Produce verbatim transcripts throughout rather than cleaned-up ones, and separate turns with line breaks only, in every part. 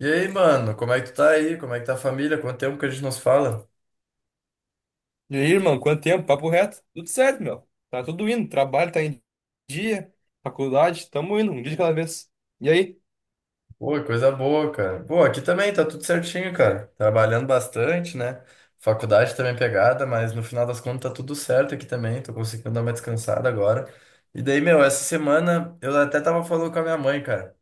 E aí, mano, como é que tu tá aí? Como é que tá a família? Quanto tempo que a gente nos fala?
E aí, irmão, quanto tempo? Papo reto? Tudo certo, meu. Tá tudo indo. Trabalho tá em dia, faculdade, tamo indo, um dia de cada vez. E aí?
Pô, coisa boa, cara. Pô, aqui também tá tudo certinho, cara. Trabalhando bastante, né? Faculdade também é pegada, mas no final das contas tá tudo certo aqui também. Tô conseguindo dar uma descansada agora. E daí, meu, essa semana eu até tava falando com a minha mãe, cara.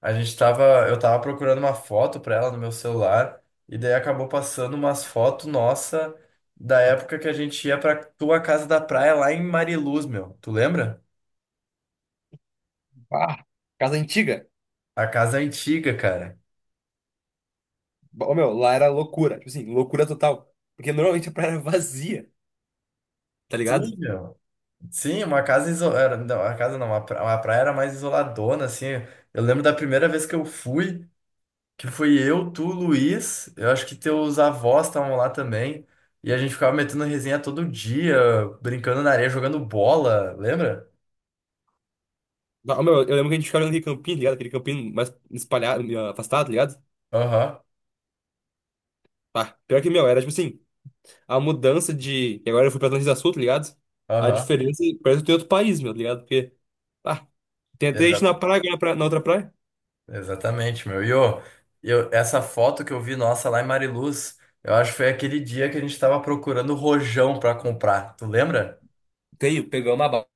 A gente tava, eu tava procurando uma foto pra ela no meu celular, e daí acabou passando umas fotos nossa da época que a gente ia pra tua casa da praia lá em Mariluz, meu. Tu lembra?
Ah, casa antiga.
A casa é antiga, cara.
Ô, meu, lá era loucura. Tipo assim, loucura total. Porque normalmente a praia era vazia, tá ligado?
Sim, meu. Sim, uma casa isolada. Não, a casa não, uma pra- uma praia era mais isoladona, assim. Eu lembro da primeira vez que eu fui, que fui eu, tu, Luiz. Eu acho que teus avós estavam lá também. E a gente ficava metendo resenha todo dia, brincando na areia, jogando bola, lembra?
Bah, ô, meu, eu lembro que a gente ficava olhando aquele campinho, tá ligado? Aquele campinho mais espalhado, meio afastado, tá ligado?
Aham,
Pá, pior que, meu, era tipo assim, a mudança de... E agora eu fui pra Atlântida Sul, tá ligado? A
aham.
diferença é que parece que eu tô em outro país, meu, tá ligado? Porque, pá, tem até gente na
Exata-
praia, agora na pra- na outra praia.
Exatamente, meu. E ô, eu, essa foto que eu vi nossa lá em Mariluz, eu acho que foi aquele dia que a gente tava procurando rojão pra comprar. Tu lembra?
Tenho, pegamos uma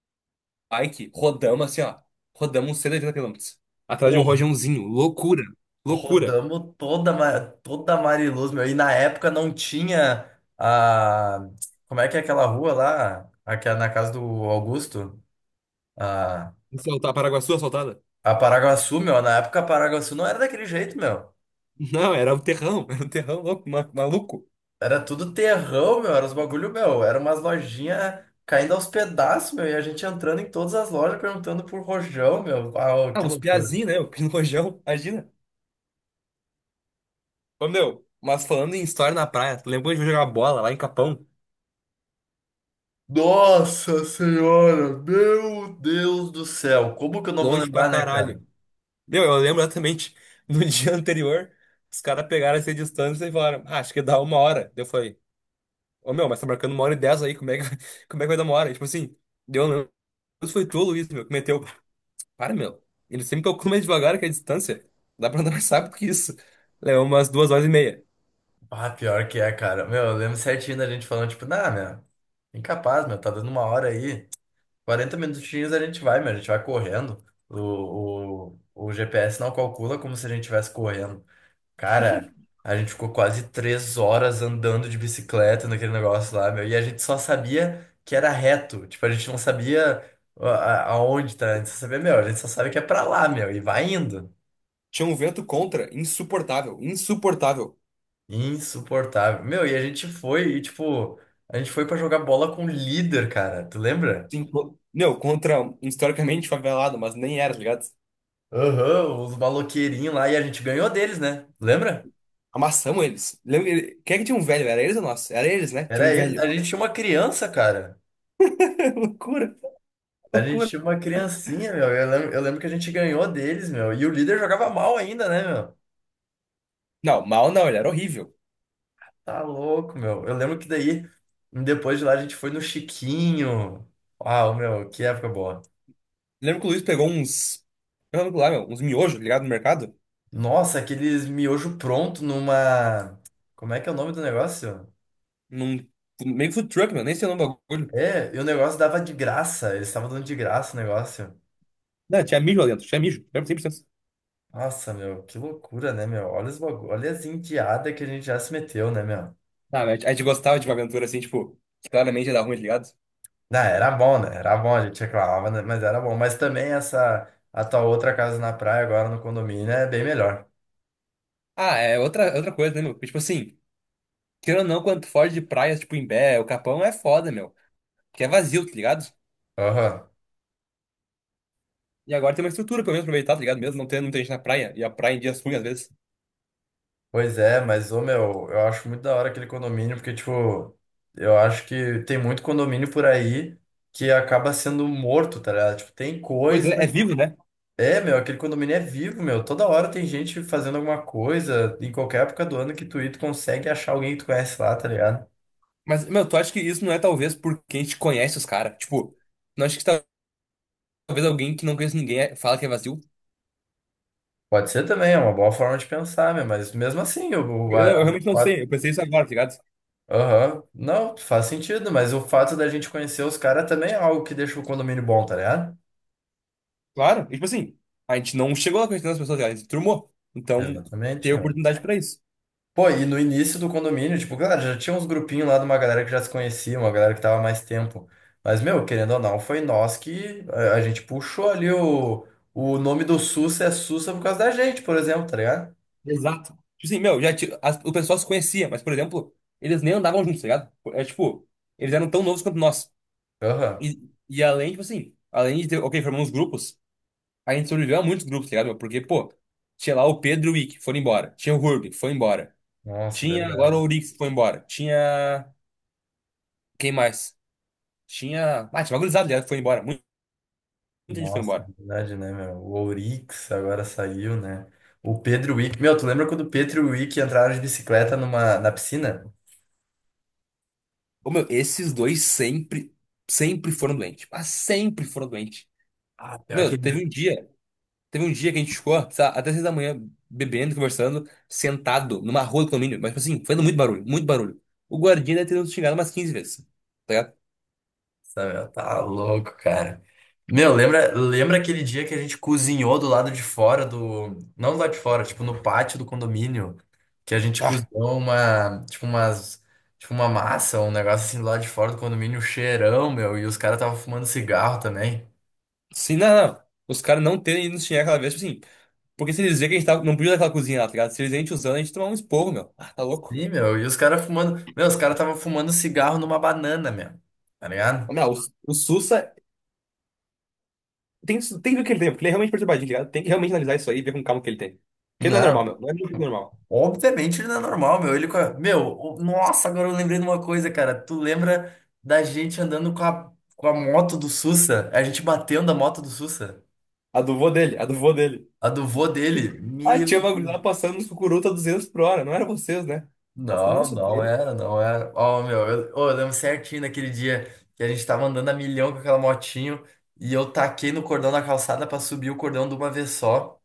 bike, rodamos assim, ó. Rodamos uns cento e oitenta quilômetros. Atrás de um
Pô,
rojãozinho. Loucura. Loucura.
rodamos toda, Ma- toda Mariluz, meu. E na época não tinha a. Como é que é aquela rua lá? Aqui é na casa do Augusto? A,
Soltar Paraguaçu assaltada?
a Paraguaçu, meu. Na época a Paraguaçu não era daquele jeito, meu.
Não, era o terrão. Era o terrão louco, ma- maluco.
Era tudo terrão, meu. Era os bagulho, meu. Era umas lojinhas caindo aos pedaços, meu. E a gente entrando em todas as lojas perguntando por rojão, meu. Uau,
Ah,
que
uns
loucura.
piazinhos, né? O rojão, imagina. Ô, meu, mas falando em história na praia, tu lembra quando a gente foi jogar bola lá em Capão?
Nossa Senhora! Meu Deus do céu! Como que eu não vou
Longe pra
lembrar, né, cara?
caralho. Meu, eu lembro exatamente. No dia anterior, os caras pegaram essa distância e falaram, ah, acho que dá uma hora. Daí eu falei, ô, meu, mas tá marcando uma hora e dez aí, como é que, como é que vai dar uma hora? E, tipo assim, deu, não. Isso foi tu, Luiz, meu, que meteu. Para, meu. Ele sempre calcula mais devagar que a distância. Dá pra andar mais rápido que isso. Levou umas duas horas e meia.
Ah, pior que é, cara. Meu, eu lembro certinho da gente falando, tipo, nah, meu, incapaz, meu, tá dando uma hora aí. Quarenta minutinhos a gente vai, meu, a gente vai correndo. O, o, o G P S não calcula como se a gente estivesse correndo. Cara, a gente ficou quase três horas andando de bicicleta naquele negócio lá, meu, e a gente só sabia que era reto. Tipo, a gente não sabia a- a- aonde tá, a gente só sabia, meu, a gente só sabe que é pra lá, meu, e vai indo.
Tinha um vento contra, insuportável, insuportável.
Insuportável. Meu, e a gente foi, e tipo, a gente foi pra jogar bola com o líder, cara. Tu lembra?
Sim, co- meu, contra um historicamente favelado, mas nem era, tá ligado?
Aham, os maloqueirinhos lá, e a gente ganhou deles, né? Lembra?
Amassamos eles. Lembra, ele- quem é que tinha um velho? Era eles ou nós? Era eles, né? Tinha
Era
um
eles.
velho.
A gente tinha uma criança, cara.
Loucura,
A gente
loucura.
tinha uma criancinha, meu. Eu lembro, eu lembro que a gente ganhou deles, meu. E o líder jogava mal ainda, né, meu?
Não, mal não, ele era horrível.
Tá louco, meu. Eu lembro que daí, depois de lá, a gente foi no Chiquinho. Uau, meu, que época boa.
Lembro que o Luiz pegou uns. Eu lembro lá, meu, uns miojos, ligado no mercado.
Nossa, aqueles miojo pronto numa. Como é que é o nome do negócio?
Num meio food truck, meu, nem sei o nome do bagulho.
É, e o negócio dava de graça, eles estavam dando de graça o negócio.
Não, tinha mijo lá dentro, tinha mijo, lembro cem por cento.
Nossa, meu, que loucura, né, meu? Olha os bagulho, olha as indiadas que a gente já se meteu, né, meu?
Ah, mas a gente gostava de uma aventura assim, tipo, que claramente ia dar ruim, tá ligado?
Não, era bom, né? Era bom, a gente reclamava, né? Mas era bom. Mas também essa, a tua outra casa na praia agora no condomínio é bem melhor.
Ah, é outra, é outra coisa, né, meu? Porque, tipo assim, querendo ou não, quando tu foge de praias, tipo, Imbé, o Capão é foda, meu. Porque é vazio, tá ligado?
Aham.
E agora tem uma estrutura pra mesmo aproveitar, tá ligado? Mesmo não tendo muita gente na praia, e a praia em dias ruins, às vezes.
Pois é, mas, ô, meu, eu acho muito da hora aquele condomínio, porque, tipo, eu acho que tem muito condomínio por aí que acaba sendo morto, tá ligado? Tipo, tem
Pois
coisa.
é, é vivo, né?
É, meu, aquele condomínio é vivo, meu. Toda hora tem gente fazendo alguma coisa, em qualquer época do ano que tu ir, tu consegue achar alguém que tu conhece lá, tá ligado?
Mas, meu, tu acha que isso não é talvez porque a gente conhece os caras? Tipo, não acho que talvez alguém que não conhece ninguém é- fala que é vazio?
Pode ser também, é uma boa forma de pensar, meu, mas mesmo assim, o. o-
Eu, não-
a-
eu realmente não
a-
sei, eu pensei isso agora, tá ligado?
aham. Não, faz sentido, mas o fato da gente conhecer os caras também é algo que deixa o condomínio bom, tá ligado?
Claro, e, tipo assim, a gente não chegou lá conhecendo as pessoas, tá ligado? A gente turmou. Então, ter
Exatamente, meu.
oportunidade pra isso.
Pô, e no início do condomínio, tipo, cara, já tinha uns grupinhos lá de uma galera que já se conhecia, uma galera que tava há mais tempo. Mas, meu, querendo ou não, foi nós que a, a gente puxou ali o, o nome do Sussa é Sussa por causa da gente, por exemplo, tá ligado?
Exato. Tipo assim, meu, já, ti- as- o pessoal se conhecia, mas, por exemplo, eles nem andavam juntos, tá ligado? É tipo, eles eram tão novos quanto nós.
Aham.
E, e além, tipo assim, além de ter, ok, formamos grupos, a gente sobreviveu a muitos grupos, tá ligado? Meu? Porque, pô, tinha lá o Pedro e o Wick, foram embora. Tinha o Hurby, foi embora.
Nossa,
Tinha agora o
verdade.
Urix, foi embora. Tinha. Quem mais? Tinha. Ah, tinha uma gurizada, tá ligado? Foi embora. Muita gente foi
Nossa,
embora.
verdade, né, meu? O Ourix agora saiu, né? O Pedro Wick. Meu, tu lembra quando o Pedro e o Wick entraram de bicicleta numa, na piscina?
Ô, meu, esses dois sempre, sempre foram doentes. Mas sempre foram doentes.
Ah, pior que
Meu, teve um dia. Teve um dia que a gente ficou, sei lá, até seis da manhã, bebendo, conversando, sentado numa rua do condomínio, mas, tipo assim, fazendo muito barulho, muito barulho. O guardinha deve ter nos xingado umas quinze vezes, tá ligado?
Samuel, tá louco, cara. Meu, lembra, lembra aquele dia que a gente cozinhou do lado de fora do. Não do lado de fora, tipo, no pátio do condomínio. Que a gente
Ah,
cozinhou uma. Tipo, umas. Tipo, uma massa, um negócio assim do lado de fora do condomínio, um cheirão, meu. E os caras estavam fumando cigarro também.
sim, não, não. Os caras não terem ido nos xingar aquela vez, tipo assim, porque se eles verem que a gente tava, não podia naquela cozinha lá, tá ligado? Se eles verem a gente usando, a gente tomava um esporro, meu. Ah, tá louco.
Sim, meu. E os caras fumando. Meu, os caras estavam fumando cigarro numa banana, meu. Tá ligado?
Ô, meu, o, o Sussa tem, tem que ver o que ele tem, porque ele é realmente perturbadinho, tá ligado? Tem que realmente analisar isso aí e ver com calma o que ele tem. Porque ele não é normal,
Não.
meu. Não é muito normal.
Obviamente ele não é normal, meu. Ele com a... Meu, o- nossa, agora eu lembrei de uma coisa, cara. Tu lembra da gente andando com a, com a moto do Sussa? A gente batendo a moto do Sussa?
A do vô dele, a do vô dele.
A do vô dele?
Aí
Meu.
tinha uma gurizada passando nos cucuruta a duzentos por hora, não era vocês, né? Eu falei, não,
Não, não
sustei.
era, não era. Ó, meu, eu, ó, eu lembro certinho daquele dia que a gente tava andando a milhão com aquela motinho e eu taquei no cordão da calçada pra subir o cordão de uma vez só.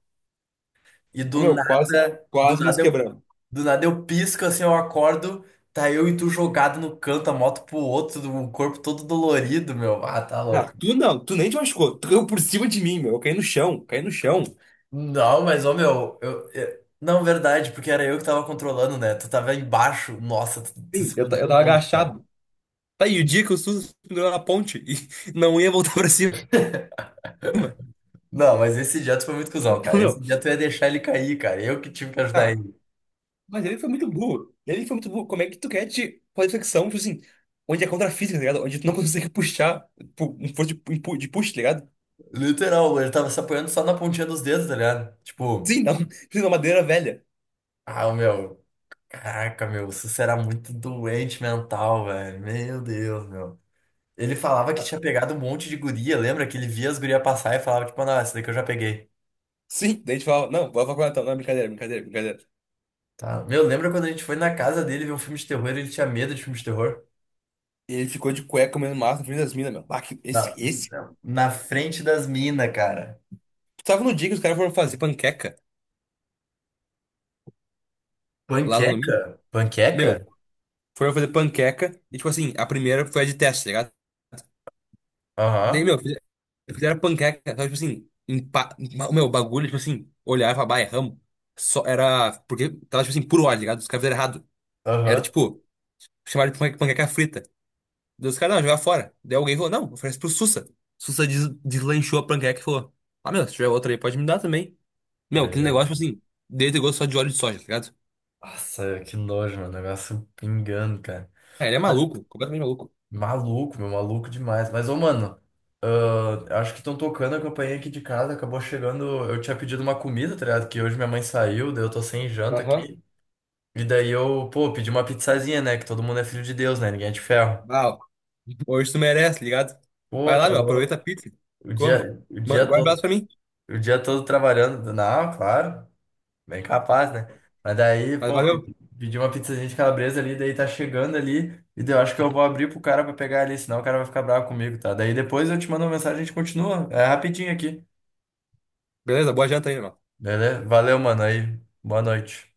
E do
Meu, quase,
nada, do
quase nos
nada eu,
quebramos.
do nada eu pisco assim, eu acordo, tá eu e tu jogado no canto, a moto pro outro, o corpo todo dolorido, meu. Ah, tá
Ah,
louco.
tu não, tu nem te machucou, tu caiu por cima de mim, meu, eu caí no chão, caí no chão.
Não, mas ô meu, eu, eu- não, verdade, porque era eu que tava controlando, né? Tu tava embaixo. Nossa, tu, tu
Sim,
se
eu, ta-
fudeu
eu
um
tava
monte, cara.
agachado. Tá, e o dia que o SUS pendurou na ponte e não ia voltar pra cima,
Não, mas esse dia tu foi muito cuzão, cara. Esse
meu.
dia tu ia deixar ele cair, cara. Eu que tive que ajudar
Ah,
ele.
mas ele foi muito burro, ele foi muito burro, como é que tu quer te fazer flexão, tipo assim, onde é contra a física, tá ligado? Onde tu não consegue puxar, pu- um força de, um pu- de push, tá ligado?
Literal, ele tava se apoiando só na pontinha dos dedos, tá ligado? Tipo,
Sim, não, precisa de uma madeira velha.
ah, meu. Caraca, meu, o Sussa era muito doente mental, velho. Meu Deus, meu. Ele falava que tinha pegado um monte de guria, lembra? Que ele via as gurias passar e falava, tipo, não, essa daqui eu já peguei.
Sim, daí a gente falava, não, vai pra faculdade, então. Não, brincadeira, brincadeira, brincadeira.
Tá. Meu, lembra quando a gente foi na casa dele ver um filme de terror, ele tinha medo de filme de terror?
E ele ficou de cueca comendo massa na frente das minas, meu. Ah, que- esse,
Na,
esse.
na frente das minas, cara.
Tu tava no dia que os caras foram fazer panqueca lá no domingo?
Panqueca?
Meu,
Panqueca?
foram fazer panqueca e, tipo assim, a primeira foi a de teste, tá ligado? Daí,
Aham,
meu, fizeram fizeram panqueca, só, tipo assim, empa... ma- meu, bagulho, tipo assim, olhar e falar, bah, erramos. Só era, porque tava, tipo assim, por hora, tá ligado? Os caras fizeram errado. Era,
aham.
tipo, chamaram de panque- panqueca frita. Dos caras, não, jogar fora. Daí alguém falou, não, oferece pro Sussa. Sussa des- deslanchou a panqueca e falou, ah, meu, se tiver outra aí, pode me dar também. Meu,
Meu
aquele negócio, tipo
Deus.
assim, dele tem gosto só de óleo de soja, tá ligado?
Nossa, que nojo, meu. Negócio pingando, cara.
Ah, ele é maluco, completamente maluco.
Maluco, meu, maluco demais. Mas, ô, mano, ah, acho que estão tocando a campainha aqui de casa. Acabou chegando. Eu tinha pedido uma comida, tá ligado? Que hoje minha mãe saiu, daí eu tô sem janta
Aham.
aqui. E daí eu, pô, pedi uma pizzazinha, né? Que todo mundo é filho de Deus, né? Ninguém é de ferro.
Uau, hoje tu merece, tá ligado?
Pô,
Vai lá,
tá
meu, aproveita a
louco.
pizza,
O
come.
dia, o
Ma-
dia
Guarda um abraço
todo,
pra mim,
o dia todo trabalhando. Não, claro. Bem capaz, né? Mas daí,
mas
pô, pe-
valeu.
pedi uma pizzazinha de calabresa ali, daí tá chegando ali, e daí eu acho que eu vou abrir pro cara pra pegar ali, senão o cara vai ficar bravo comigo, tá? Daí depois eu te mando uma mensagem e a gente continua. É rapidinho aqui.
Beleza, boa janta aí, irmão.
Beleza? Valeu, mano. Aí, boa noite.